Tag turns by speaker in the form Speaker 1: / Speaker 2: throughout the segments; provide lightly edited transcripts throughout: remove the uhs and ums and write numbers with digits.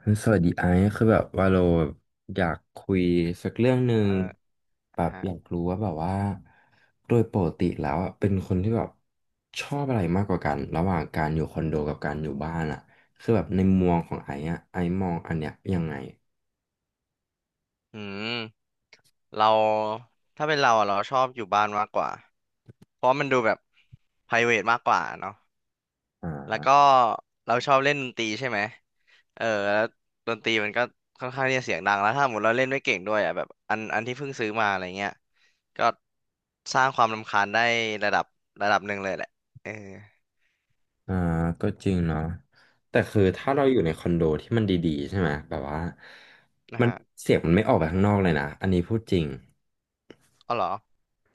Speaker 1: เฮ้ยสวัสดีไอซ์คือแบบว่าเราอยากคุยสักเรื่องหนึ่ง
Speaker 2: อ่
Speaker 1: แบ
Speaker 2: า
Speaker 1: บ
Speaker 2: ฮะ
Speaker 1: อยากรู้ว่าแบบว่าโดยปกติแล้วอะเป็นคนที่แบบชอบอะไรมากกว่ากันระหว่างการอยู่คอนโดกับการอยู่บ้านอ่ะคือแบบในมุมมองของไอซ์อ่ะไอซ์มองอันเนี้ยยังไง
Speaker 2: อืมเราถ้าเป็นเราอะเราชอบอยู่บ้านมากกว่าเพราะมันดูแบบ private มากกว่าเนาะแล้ว
Speaker 1: อ่า
Speaker 2: ก็เราชอบเล่นดนตรีใช่ไหมเออแล้วดนตรีมันก็ค่อนข้างที่จะเสียงดังแล้วถ้าสมมติเราเล่นไม่เก่งด้วยอ่ะแบบอันที่เพิ่งซื้อมาอะไรเงี้ยก็สร้างความรำคาญได้ระดับระดับหนึ่งเลยแหละเออ
Speaker 1: อ่าก็จริงเนาะแต่คือถ้า
Speaker 2: อื
Speaker 1: เรา
Speaker 2: ม
Speaker 1: อยู่ในคอนโดที่มันดีๆใช่ไหมแบบว่า
Speaker 2: นะ
Speaker 1: มัน
Speaker 2: ฮะ
Speaker 1: เสียงมันไม่ออกไปข้างนอกเลยนะอันนี้พูดจริง
Speaker 2: อ๋อเหรอ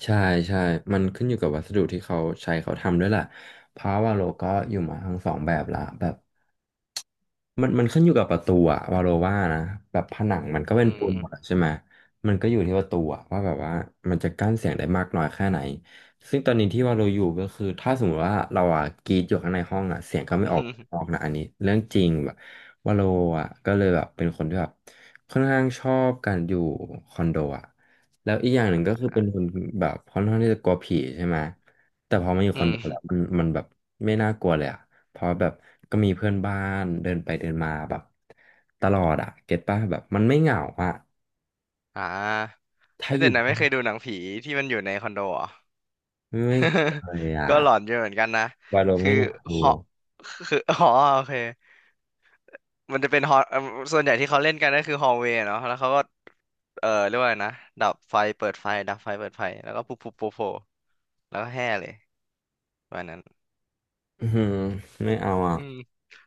Speaker 1: ใช่ใช่มันขึ้นอยู่กับวัสดุที่เขาใช้เขาทำด้วยแหละเพราะว่าโลก็อยู่มาทั้งสองแบบละแบบ มันขึ้นอยู่กับประตูอะวาโลว่านะแบบผนังมันก็
Speaker 2: อื
Speaker 1: เป็นปูน
Speaker 2: ม
Speaker 1: หมดอะใช่ไหมมันก็อยู่ที่ประตูอะว่าแบบว่ามันจะกั้นเสียงได้มากน้อยแค่ไหนซึ่งตอนนี้ที่วาโลอยู่ก็คือถ้าสมมติว่าเราอะกรีดอยู่ข้างในห้องอะเสียงก็ ไม่
Speaker 2: อื
Speaker 1: ออกออ
Speaker 2: ม
Speaker 1: กนะอันนี้เรื่องจริงแบบวาโลอะก็เลยแบบเป็นคนที่แบบค่อนข้างชอบการอยู่คอนโดอะแล้วอีกอย่างหนึ่งก็คือเป็นคนแบบค่อนข้างที่จะกลัวผีใช่ไหมแต่พอมาอยู่
Speaker 2: อื
Speaker 1: คอนโดแล้ว
Speaker 2: ม
Speaker 1: มันแบบไม่น่ากลัวเลยอะ เพราะแบบก็มีเพื่อนบ้านเดินไปเดินมาแบบตลอดอะเก็ตป่ะแบบมันไม่เหงาอะ
Speaker 2: อ่า
Speaker 1: ถ้า
Speaker 2: ไม่
Speaker 1: อ
Speaker 2: แต่
Speaker 1: ยู่
Speaker 2: นะไม่
Speaker 1: บ้าน
Speaker 2: เคยดูหนังผีที่มันอยู่ในคอนโดเหรอ
Speaker 1: ไม่เคย อะ
Speaker 2: ก็หลอนอยู่เหมือนกันนะ
Speaker 1: วาโล
Speaker 2: คื
Speaker 1: ไม่
Speaker 2: อ
Speaker 1: อยากดู
Speaker 2: ฮอคือ อ๋อโอเคมันจะเป็นฮอเอิ่มส่วนใหญ่ที่เขาเล่นกันก็คือฮอลเวย์เนาะแล้วเขาก็เออเรียกว่าอะไรนะดับไฟเปิดไฟดับไฟเปิดไฟแล้วก็ปุ๊บปุ๊บโผล่แล้วก็แห่เลยวันนั้น
Speaker 1: อืมไม่เอาอ่ะ
Speaker 2: อืม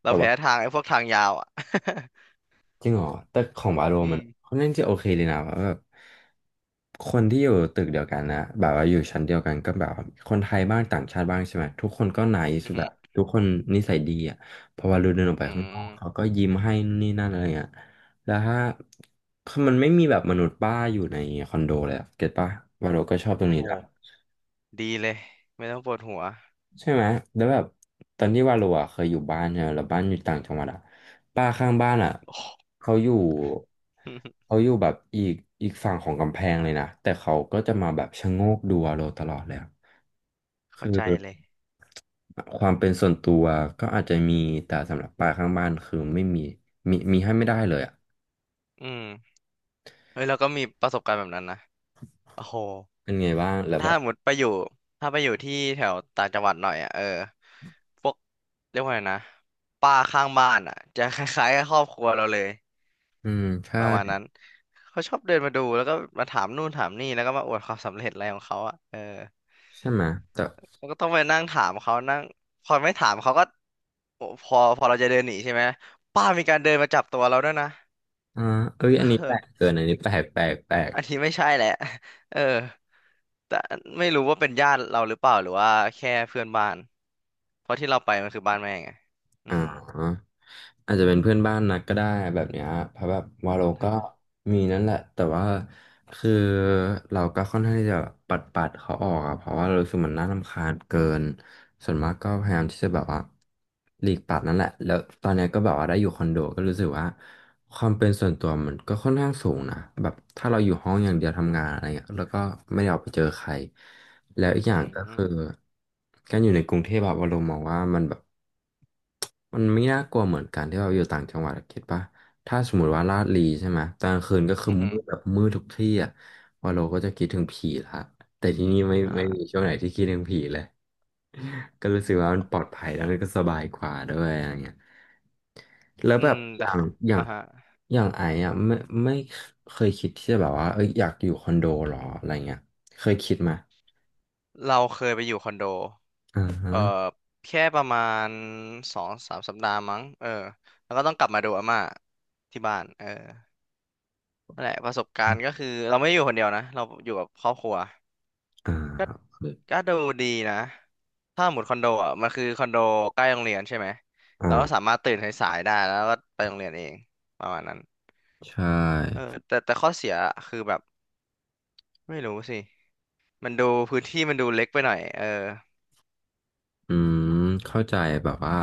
Speaker 2: เรา
Speaker 1: แต่ว่า
Speaker 2: แพ้ทางไอ้พวกทางยาวอ่ะ
Speaker 1: จริงเหรอแต่ของวาโล
Speaker 2: อื
Speaker 1: มัน
Speaker 2: ม
Speaker 1: ค่อนข้างจะโอเคเลยนะว่าแบบคนที่อยู่ตึกเดียวกันนะแบบว่าอยู่ชั้นเดียวกันก็แบบว่าคนไทยบ้างต่างชาติบ้างใช่ไหมทุกคนก็ไน
Speaker 2: อื
Speaker 1: ซ์แบบ
Speaker 2: ม
Speaker 1: ทุกคนนิสัยดีอ่ะพอวาโลเดินออกไป
Speaker 2: อื
Speaker 1: ข้างนอก
Speaker 2: ม
Speaker 1: เขาก็ยิ้มให้นู่นนี่นั่นอะไรเงี้ยแล้วถ้าคือมันไม่มีแบบมนุษย์ป้าอยู่ในคอนโดเลยอะเก็ตปะวาโลก็ชอบตรง
Speaker 2: โอ้
Speaker 1: นี้
Speaker 2: โห
Speaker 1: แหละ
Speaker 2: ดีเลยไม่ต้องปวดหัว
Speaker 1: ใช่ไหมแล้วแบบตอนที่ว่าเราอะเคยอยู่บ้านเนี่ยแล้วบ้านอยู่ต่างจังหวัดอะป้าข้างบ้านอะ
Speaker 2: โอ้โห
Speaker 1: เขาอยู่ เขาอยู่แบบอีกฝั่งของกำแพงเลยนะแต่เขาก็จะมาแบบชะโงกดูเราตลอดเลยอะ
Speaker 2: เข้า
Speaker 1: คื
Speaker 2: ใจ
Speaker 1: อ
Speaker 2: เลย
Speaker 1: ความเป็นส่วนตัวก็อาจจะมีแต่สำหรับป้าข้างบ้านคือไม่มีมีให้ไม่ได้เลยอะ
Speaker 2: อืม เฮ้ยเราก็มีประสบการณ์แบบนั้นนะโอ้โห
Speaker 1: เป็นไงบ้างแล้วแบ
Speaker 2: ถ้า
Speaker 1: บ
Speaker 2: หมดไปอยู่ถ้าไปอยู่ที่แถวต่างจังหวัดหน่อยอ่ะเออพวกเรียกว่าไงนะป้าข้างบ้านอ่ะจะคล้ายๆกับครอบครัวเราเลย
Speaker 1: อืมใช่
Speaker 2: ประมาณนั้นเขาชอบเดินมาดูแล้วก็มาถามนู่นถามนี่แล้วก็มาอวดความสำเร็จอะไรของเขาอ่ะเออ
Speaker 1: ใช่ไหมแต่
Speaker 2: แล้วก็ต้องไปนั่งถามเขานั่งพอไม่ถามเขาก็โอ้พอเราจะเดินหนีใช่ไหมป้ามีการเดินมาจับตัวเราด้วยนะ
Speaker 1: อ่าเอ้ยอันนี้แปลก เกินอันนี้แปลกแปลก
Speaker 2: อันนี้ไม่ใช่แหละ เออแต่ไม่รู้ว่าเป็นญาติเราหรือเปล่าหรือว่าแค่เพื่อนบ้านเพราะที่เราไปมันคือบ้านแม่ไงอื
Speaker 1: อ่
Speaker 2: ม
Speaker 1: าอาจจะเป็นเพื่อนบ้านนัดก็ได้แบบเนี้ยเพราะแบบวาโลก็ มีนั่นแหละแต่ว่าคือเราก็ค่อนข้างที่จะปัดเขาออกอะเพราะว่าเรารู้สึกมันน่ารำคาญเกินส่วนมากก็พยายามที่จะแบบว่าหลีกปัดนั่นแหละแล้วตอนเนี้ยก็แบบว่าได้อยู่คอนโดก็รู้สึกว่าความเป็นส่วนตัวมันก็ค่อนข้างสูงนะแบบถ้าเราอยู่ห้องอย่างเดียวทำงานอะไรเงี้ยแล้วก็ไม่ได้ออกไปเจอใคร แล้วอีกอย่า
Speaker 2: อื
Speaker 1: งก็คือ
Speaker 2: ม
Speaker 1: การอยู่ในกรุงเทพอะวาโลมมองว่ามันแบบมันไม่น่ากลัวเหมือนการที่เราอยู่ต่างจังหวัดอะคิดป่ะถ้าสมมติว่าลาดลีใช่ไหมตอนกลางคืนก็คือ
Speaker 2: อืมอหื
Speaker 1: มื
Speaker 2: อ
Speaker 1: ดแบบมืดทุกที่อะวอลโลก็จะคิดถึงผีละแต่ที่นี่ไม่
Speaker 2: อ่า
Speaker 1: ไม่มีช่วงไหนที่คิดถึงผีเลยก็รู้สึกว่ามันปลอดภัยแล้วมันก็สบายกว่าด้วยอะไรเงี้ยแล้ว
Speaker 2: อื
Speaker 1: แบบ
Speaker 2: มแต่ขอ
Speaker 1: อย่า
Speaker 2: อ่า
Speaker 1: ง
Speaker 2: ฮะ
Speaker 1: อย่างไอ้อะไม่เคยคิดที่จะแบบว่าเอ้ยอยากอยู่คอนโดหรออะไรเงี้ยเคยคิดไหม
Speaker 2: เราเคยไปอยู่คอนโด
Speaker 1: อ่าฮะ
Speaker 2: เอ่อแค่ประมาณสองสามสัปดาห์มั้งเออแล้วก็ต้องกลับมาดูอาม่าที่บ้านเออนั่นแหละประสบการณ์ก็คือเราไม่ได้อยู่คนเดียวนะเราอยู่กับครอบครัว
Speaker 1: อ่
Speaker 2: ก็
Speaker 1: า
Speaker 2: ก็ดูดีนะถ้าหมดคอนโดอ่ะมันคือคอนโดใกล้โรงเรียนใช่ไหม
Speaker 1: อ่
Speaker 2: เราก็สา
Speaker 1: า
Speaker 2: มารถตื่นสายๆได้แล้วก็ไปโรงเรียนเองประมาณนั้น
Speaker 1: ใช่
Speaker 2: เออแต่ข้อเสียคือแบบไม่รู้สิมันดูพื้นที่มันดูเล็กไปหน่อยเออ
Speaker 1: อืมเข้าใจแบบว่า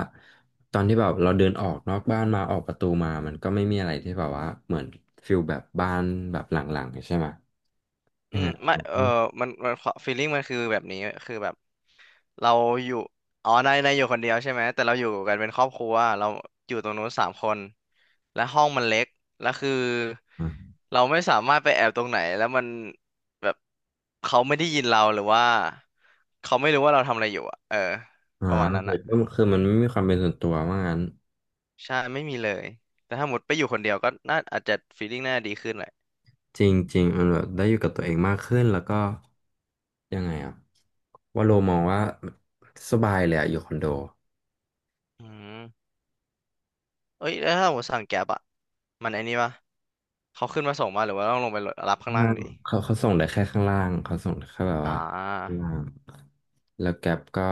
Speaker 1: ตอนที่แบบเราเดินออกนอกบ้านมาออกประตูมามันก็ไม่มีอะไรที่แบบว่าเหมือนฟิลแบบบ้านแบบหลังๆใช่ไหม
Speaker 2: อื
Speaker 1: ยังไง
Speaker 2: มไม่เออ
Speaker 1: อื
Speaker 2: มันฟีลลิ่งมันคือแบบนี้คือแบบเราอยู่อ๋อนายอยู่คนเดียวใช่ไหมแต่เราอยู่กันเป็นครอบครัวเราอยู่ตรงนู้นสามคนและห้องมันเล็กแล้วคือ
Speaker 1: อ่า
Speaker 2: เราไม่สามารถไปแอบตรงไหนแล้วมันแบบเขาไม่ได้ยินเราหรือว่าเขาไม่รู้ว่าเราทำอะไรอยู่อะเออ
Speaker 1: อ่า
Speaker 2: ประมาณ
Speaker 1: โอ
Speaker 2: นั้น
Speaker 1: เค
Speaker 2: อะ
Speaker 1: ก็คือมันไม่มีความเป็นส่วนตัวว่างั้น
Speaker 2: ใช่ไม่มีเลยแต่ถ้าหมดไปอยู่คนเดียวก็น่าอาจจะฟีลลิ่งน่าดีขึ้นแหละ
Speaker 1: จริงๆมันแบบได้อยู่กับตัวเองมากขึ้นแล้วก็ยังไงอ่ะว่าโลมองว่าสบายเลยอะอยู่คอนโดล
Speaker 2: อืม เอ้ยแล้วถ้าผมสั่งแก๊บอะมันไอ้นี่ปะเขาขึ้นมาส่งมาหรือว่าต้องลงไปรับข้างล่า
Speaker 1: ่า
Speaker 2: ง
Speaker 1: ง
Speaker 2: ดิ
Speaker 1: เขาเขาส่งได้แค่ข้างล่างเขาส่งได้แค่แบบ
Speaker 2: อ่
Speaker 1: ว่าข้าง
Speaker 2: า
Speaker 1: ล่าง แล้วแกป็ก็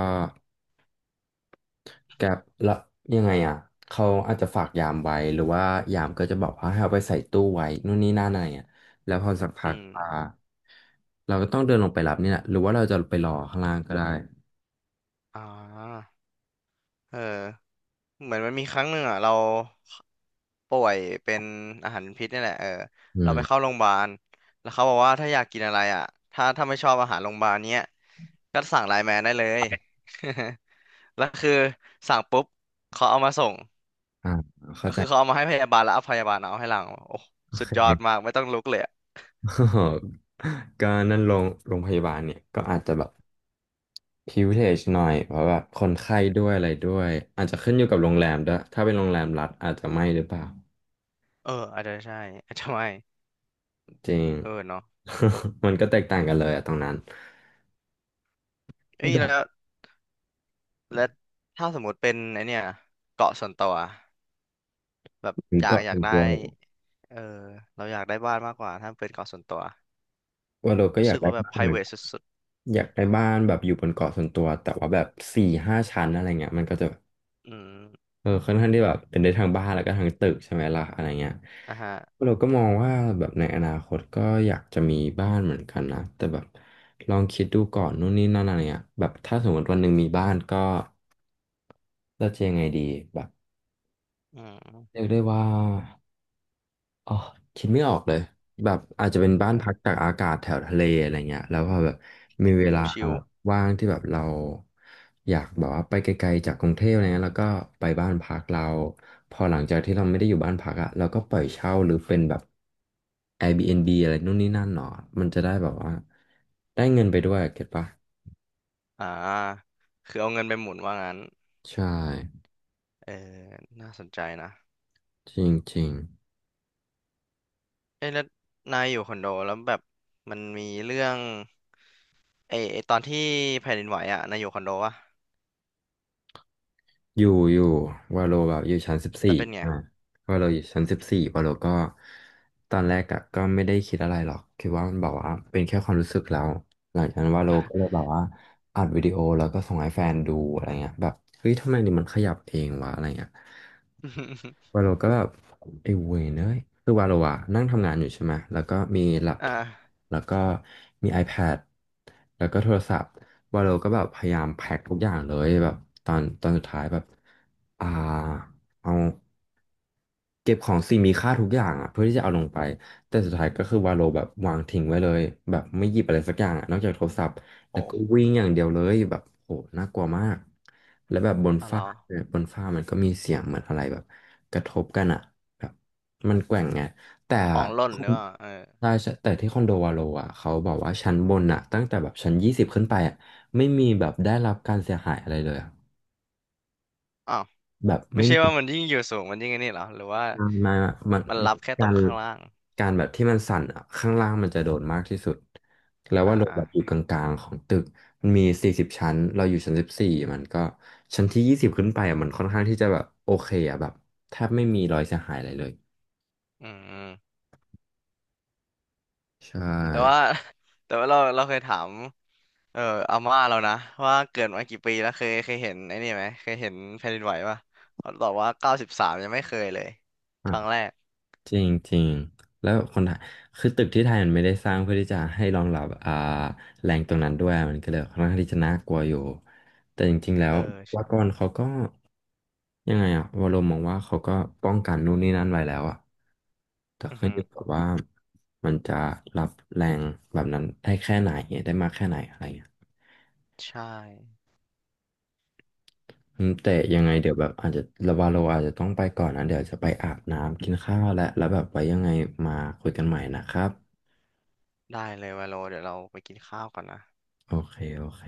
Speaker 1: แกป็แล้วยังไงอ่ะเขาอาจจะฝากยามไว้หรือว่ายามก็จะบอกว่าให้เอาไปใส่ตู้ไว้นู่นนี่นั่นอะไรอ่ะแล้วพอสัก
Speaker 2: อื
Speaker 1: พักอ่า
Speaker 2: ม
Speaker 1: เราก็ต้องเดินลงไปรับนี่แหละหรือว่าเราจะไปรอข้างล่างก็ได้
Speaker 2: อ่าเออเหมือนมันมีครั้งหนึ่งอ่ะเราป่วยเป็นอาหารพิษนี่แหละเออ
Speaker 1: อื
Speaker 2: เราไปเข้า
Speaker 1: ม
Speaker 2: โรงพยาบาลแล้วเขาบอกว่าถ้าอยากกินอะไรอ่ะถ้าไม่ชอบอาหารโรงพยาบาลเนี้ยก็สั่งไลน์แมนได้เลย แล้วคือสั่งปุ๊บ เขาเอามาส่ง
Speaker 1: อ่าเข้า
Speaker 2: ก็
Speaker 1: ใจ
Speaker 2: คือเขาเอามาให้พยาบาลแล้วเอาพยาบาลเอาให้หลังโอ้
Speaker 1: โอ
Speaker 2: สุ
Speaker 1: เค
Speaker 2: ดยอดมากไม่ต้องลุกเลย
Speaker 1: ก็นั่นโรงพยาบาลเนี่ยก็อาจจะแบบ privilege หน่อยเพราะแบบคนไข้ด้วยอะไรด้วยอาจจะขึ้นอยู่กับโรงแรมด้วยถ้าเป็นโรงแรมรัฐอาจจะไม่หรือเปล่า
Speaker 2: เอออาจจะใช่อาจจะไม่
Speaker 1: จริง
Speaker 2: เออเนาะ
Speaker 1: มันก็แตกต่างกันเลยอะตรงนั้น
Speaker 2: เอ้ย
Speaker 1: ดอก
Speaker 2: แล้วถ้าสมมติเป็นไอเนี่ยเกาะส่วนตัวแบบ
Speaker 1: มันก็
Speaker 2: อยา
Speaker 1: เป็
Speaker 2: ก
Speaker 1: น
Speaker 2: ได้
Speaker 1: ตัวเนู
Speaker 2: เออเราอยากได้บ้านมากกว่าถ้าเป็นเกาะส่วนตัว
Speaker 1: ว่าเราก็
Speaker 2: รู้
Speaker 1: อยาก
Speaker 2: สึก
Speaker 1: ได้
Speaker 2: ว่าแบบ
Speaker 1: บ้านเหมือนกั
Speaker 2: private
Speaker 1: น
Speaker 2: สุด
Speaker 1: อยากได้บ้านแบบอยู่บนเกาะส่วนตัวแต่ว่าแบบสี่ห้าชั้นอะไรเงี้ยมันก็จะ
Speaker 2: ๆอืม
Speaker 1: เออค่อนข้างที่แบบเป็นได้ทั้งบ้านแล้วก็ทั้งตึกใช่ไหมล่ะอะไรเงี้ย
Speaker 2: อ่ะฮะ
Speaker 1: เราก็มองว่าแบบในอนาคตก็อยากจะมีบ้านเหมือนกันนะแต่แบบลองคิดดูก่อนนู่นนี่นั่นอะไรเงี้ยแบบถ้าสมมติวันหนึ่งมีบ้านก็เราจะยังไงดีแบบ
Speaker 2: อื
Speaker 1: เรี
Speaker 2: ม
Speaker 1: ยกได้ว่า อ๋อคิดไม่ออกเลยแบบอาจจะเป็นบ้านพั
Speaker 2: อ่า
Speaker 1: กตากอากาศแถวทะเลอะไรเงี้ยแล้วพอแบบมี
Speaker 2: โอ้
Speaker 1: เว
Speaker 2: โห
Speaker 1: ลา
Speaker 2: ชิล
Speaker 1: ว่างที่แบบเราอยากแบบว่าไปไกลๆจากกรุงเทพอะไรเงี้ยแล้วก็ไปบ้านพักเราพอหลังจากที่เราไม่ได้อยู่บ้านพักอะเราก็ปล่อยเช่าหรือเป็นแบบ Airbnb อะไรนู่นนี่นั่นหนอมันจะได้แบบว่าได้เงินไปด้วยเก็ตปะ
Speaker 2: อ่าคือเอาเงินไปหมุนว่างั้น
Speaker 1: ใช่
Speaker 2: เออน่าสนใจนะ
Speaker 1: จริง
Speaker 2: เอ้ยแล้วนายอยู่คอนโดแล้วแบบมันมีเรื่องไอ้ตอนที่แผ่นดินไหวอ่ะนายอยู่คอนโดวะ
Speaker 1: อยู่อยู่วาโลแบบอยู่ชั้นสิบ
Speaker 2: แล้
Speaker 1: สี่
Speaker 2: วเป็นไง
Speaker 1: อ่าวาโลอยู่ชั้นสิบสี่วาโลก็ตอนแรกอะก็ไม่ได้คิดอะไรหรอกคิดว่ามันแบบว่าเป็นแค่ความรู้สึกแล้วหลังจากนั้นวาโลก็เลยแบบว่าอัดวิดีโอแล้วก็ส่งให้แฟนดูอะไรเงี้ยแบบเฮ้ยทำไมนี่มันขยับเองวะอะไรเงี้ย วา โลก็แบบไอ้เวยเนยคือวาโลอะนั่งทำงานอยู่ใช่ไหมแล้วก็มีแล็ป
Speaker 2: อ่
Speaker 1: ท็อป
Speaker 2: า
Speaker 1: แล้วก็มี iPad แล้วก็โทรศัพท์วาโลก็แบบพยายามแพ็คทุกอย่างเลยแบบตอนสุดท้ายแบบอ่าเอา เก็บของสิ่งมีค่าทุกอย่างอ่ะเพื่อที่จะเอาลงไปแต่สุดท้ายก็คือวาโลแบบวางทิ้งไว้เลยแบบไม่หยิบอะไรสักอย่างอะนอกจากโทรศัพท์แล้ว
Speaker 2: โห
Speaker 1: ก็วิ่งอย่างเดียวเลยแบบโหน่ากลัวมากแล้วแบบบน
Speaker 2: อ๋อเหร
Speaker 1: ฟ้า
Speaker 2: อ
Speaker 1: เนี่ยบนฟ้ามันก็มีเสียงเหมือนอะไรแบบกระทบกันอ่ะแบบมันแกว่งไงแต่
Speaker 2: ของหล่
Speaker 1: ค
Speaker 2: นหรื
Speaker 1: น
Speaker 2: อเปล่าเออ
Speaker 1: ใช่ใช่แต่ที่คอนโดวาโลอ่ะเขาบอกว่าชั้นบนอ่ะตั้งแต่แบบชั้น 20ขึ้นไปอ่ะไม่มีแบบได้รับการเสียหายอะไรเลยอะ
Speaker 2: อ้าว
Speaker 1: แบบ
Speaker 2: ไม่
Speaker 1: ไม่
Speaker 2: ใช่
Speaker 1: มี
Speaker 2: ว่ามันยิ่งอยู่สูงมันยิ่งไอ้นี่เหรอหรือว่า
Speaker 1: ไม่ไมามัน
Speaker 2: มันรับแค่ต
Speaker 1: กา
Speaker 2: รง
Speaker 1: ร
Speaker 2: ข้างล่าง
Speaker 1: การแบบที่มันสั่นอะข้างล่างมันจะโดนมากที่สุด แล้ว
Speaker 2: อ่
Speaker 1: ว่าเราแบบอ
Speaker 2: า
Speaker 1: ยู่กลางๆของตึก มันมี40 ชั้น เราอยู่ชั้น 14มันก็ชั้นที่ 20ขึ้นไปอะมันค่อนข้างที่จะแบบโอเคอะแบบแทบไม่มีรอยเสียหายอะไรเลย
Speaker 2: อืมอืม
Speaker 1: ใช่
Speaker 2: แต่ว่า แต่ว่าเราเคยถามเอออาม่าเรานะว่าเกิดมากี่ปีแล้วเคยเห็นไอ้นี่ไหมเคยเห็นแผ่นดินไหวป่ะเขาตอบว่า93ยังไม่เคยเลยครั้งแรก
Speaker 1: จริงจริงแล้วคนไทยคือตึกที่ไทยมันไม่ได้สร้างเพื่อที่จะให้รองรับแรงตรงนั้นด้วยมันก็เลยค่อนข้างที่จะน่ากลัวอยู่แต่จริงๆแล้ว
Speaker 2: เออ
Speaker 1: วากอ
Speaker 2: ใช่
Speaker 1: นเขาก็ยังไงอะวรมมองว่าเขาก็ป้องกันนู่นนี่นั่นไว้แล้วอะแต่
Speaker 2: อือ
Speaker 1: ขึ้น
Speaker 2: ฮึ
Speaker 1: อยู่กับว่ามันจะรับแรงแบบนั้นได้แค่ไหนได้มากแค่ไหนอะไรอย่างเงี้ย
Speaker 2: ใช่
Speaker 1: อืมแต่ยังไงเดี๋ยวแบบอาจจะระวาโลอาจจะต้องไปก่อนนะเดี๋ยวจะไปอาบน้ำกินข้าวและแล้วแบบไว้ยังไงมาคุยกันใหม่นะครับ
Speaker 2: ได้เลยว่าโลเดี๋ยวเราไปกินข้าวก่อนนะ
Speaker 1: โอเค โอเค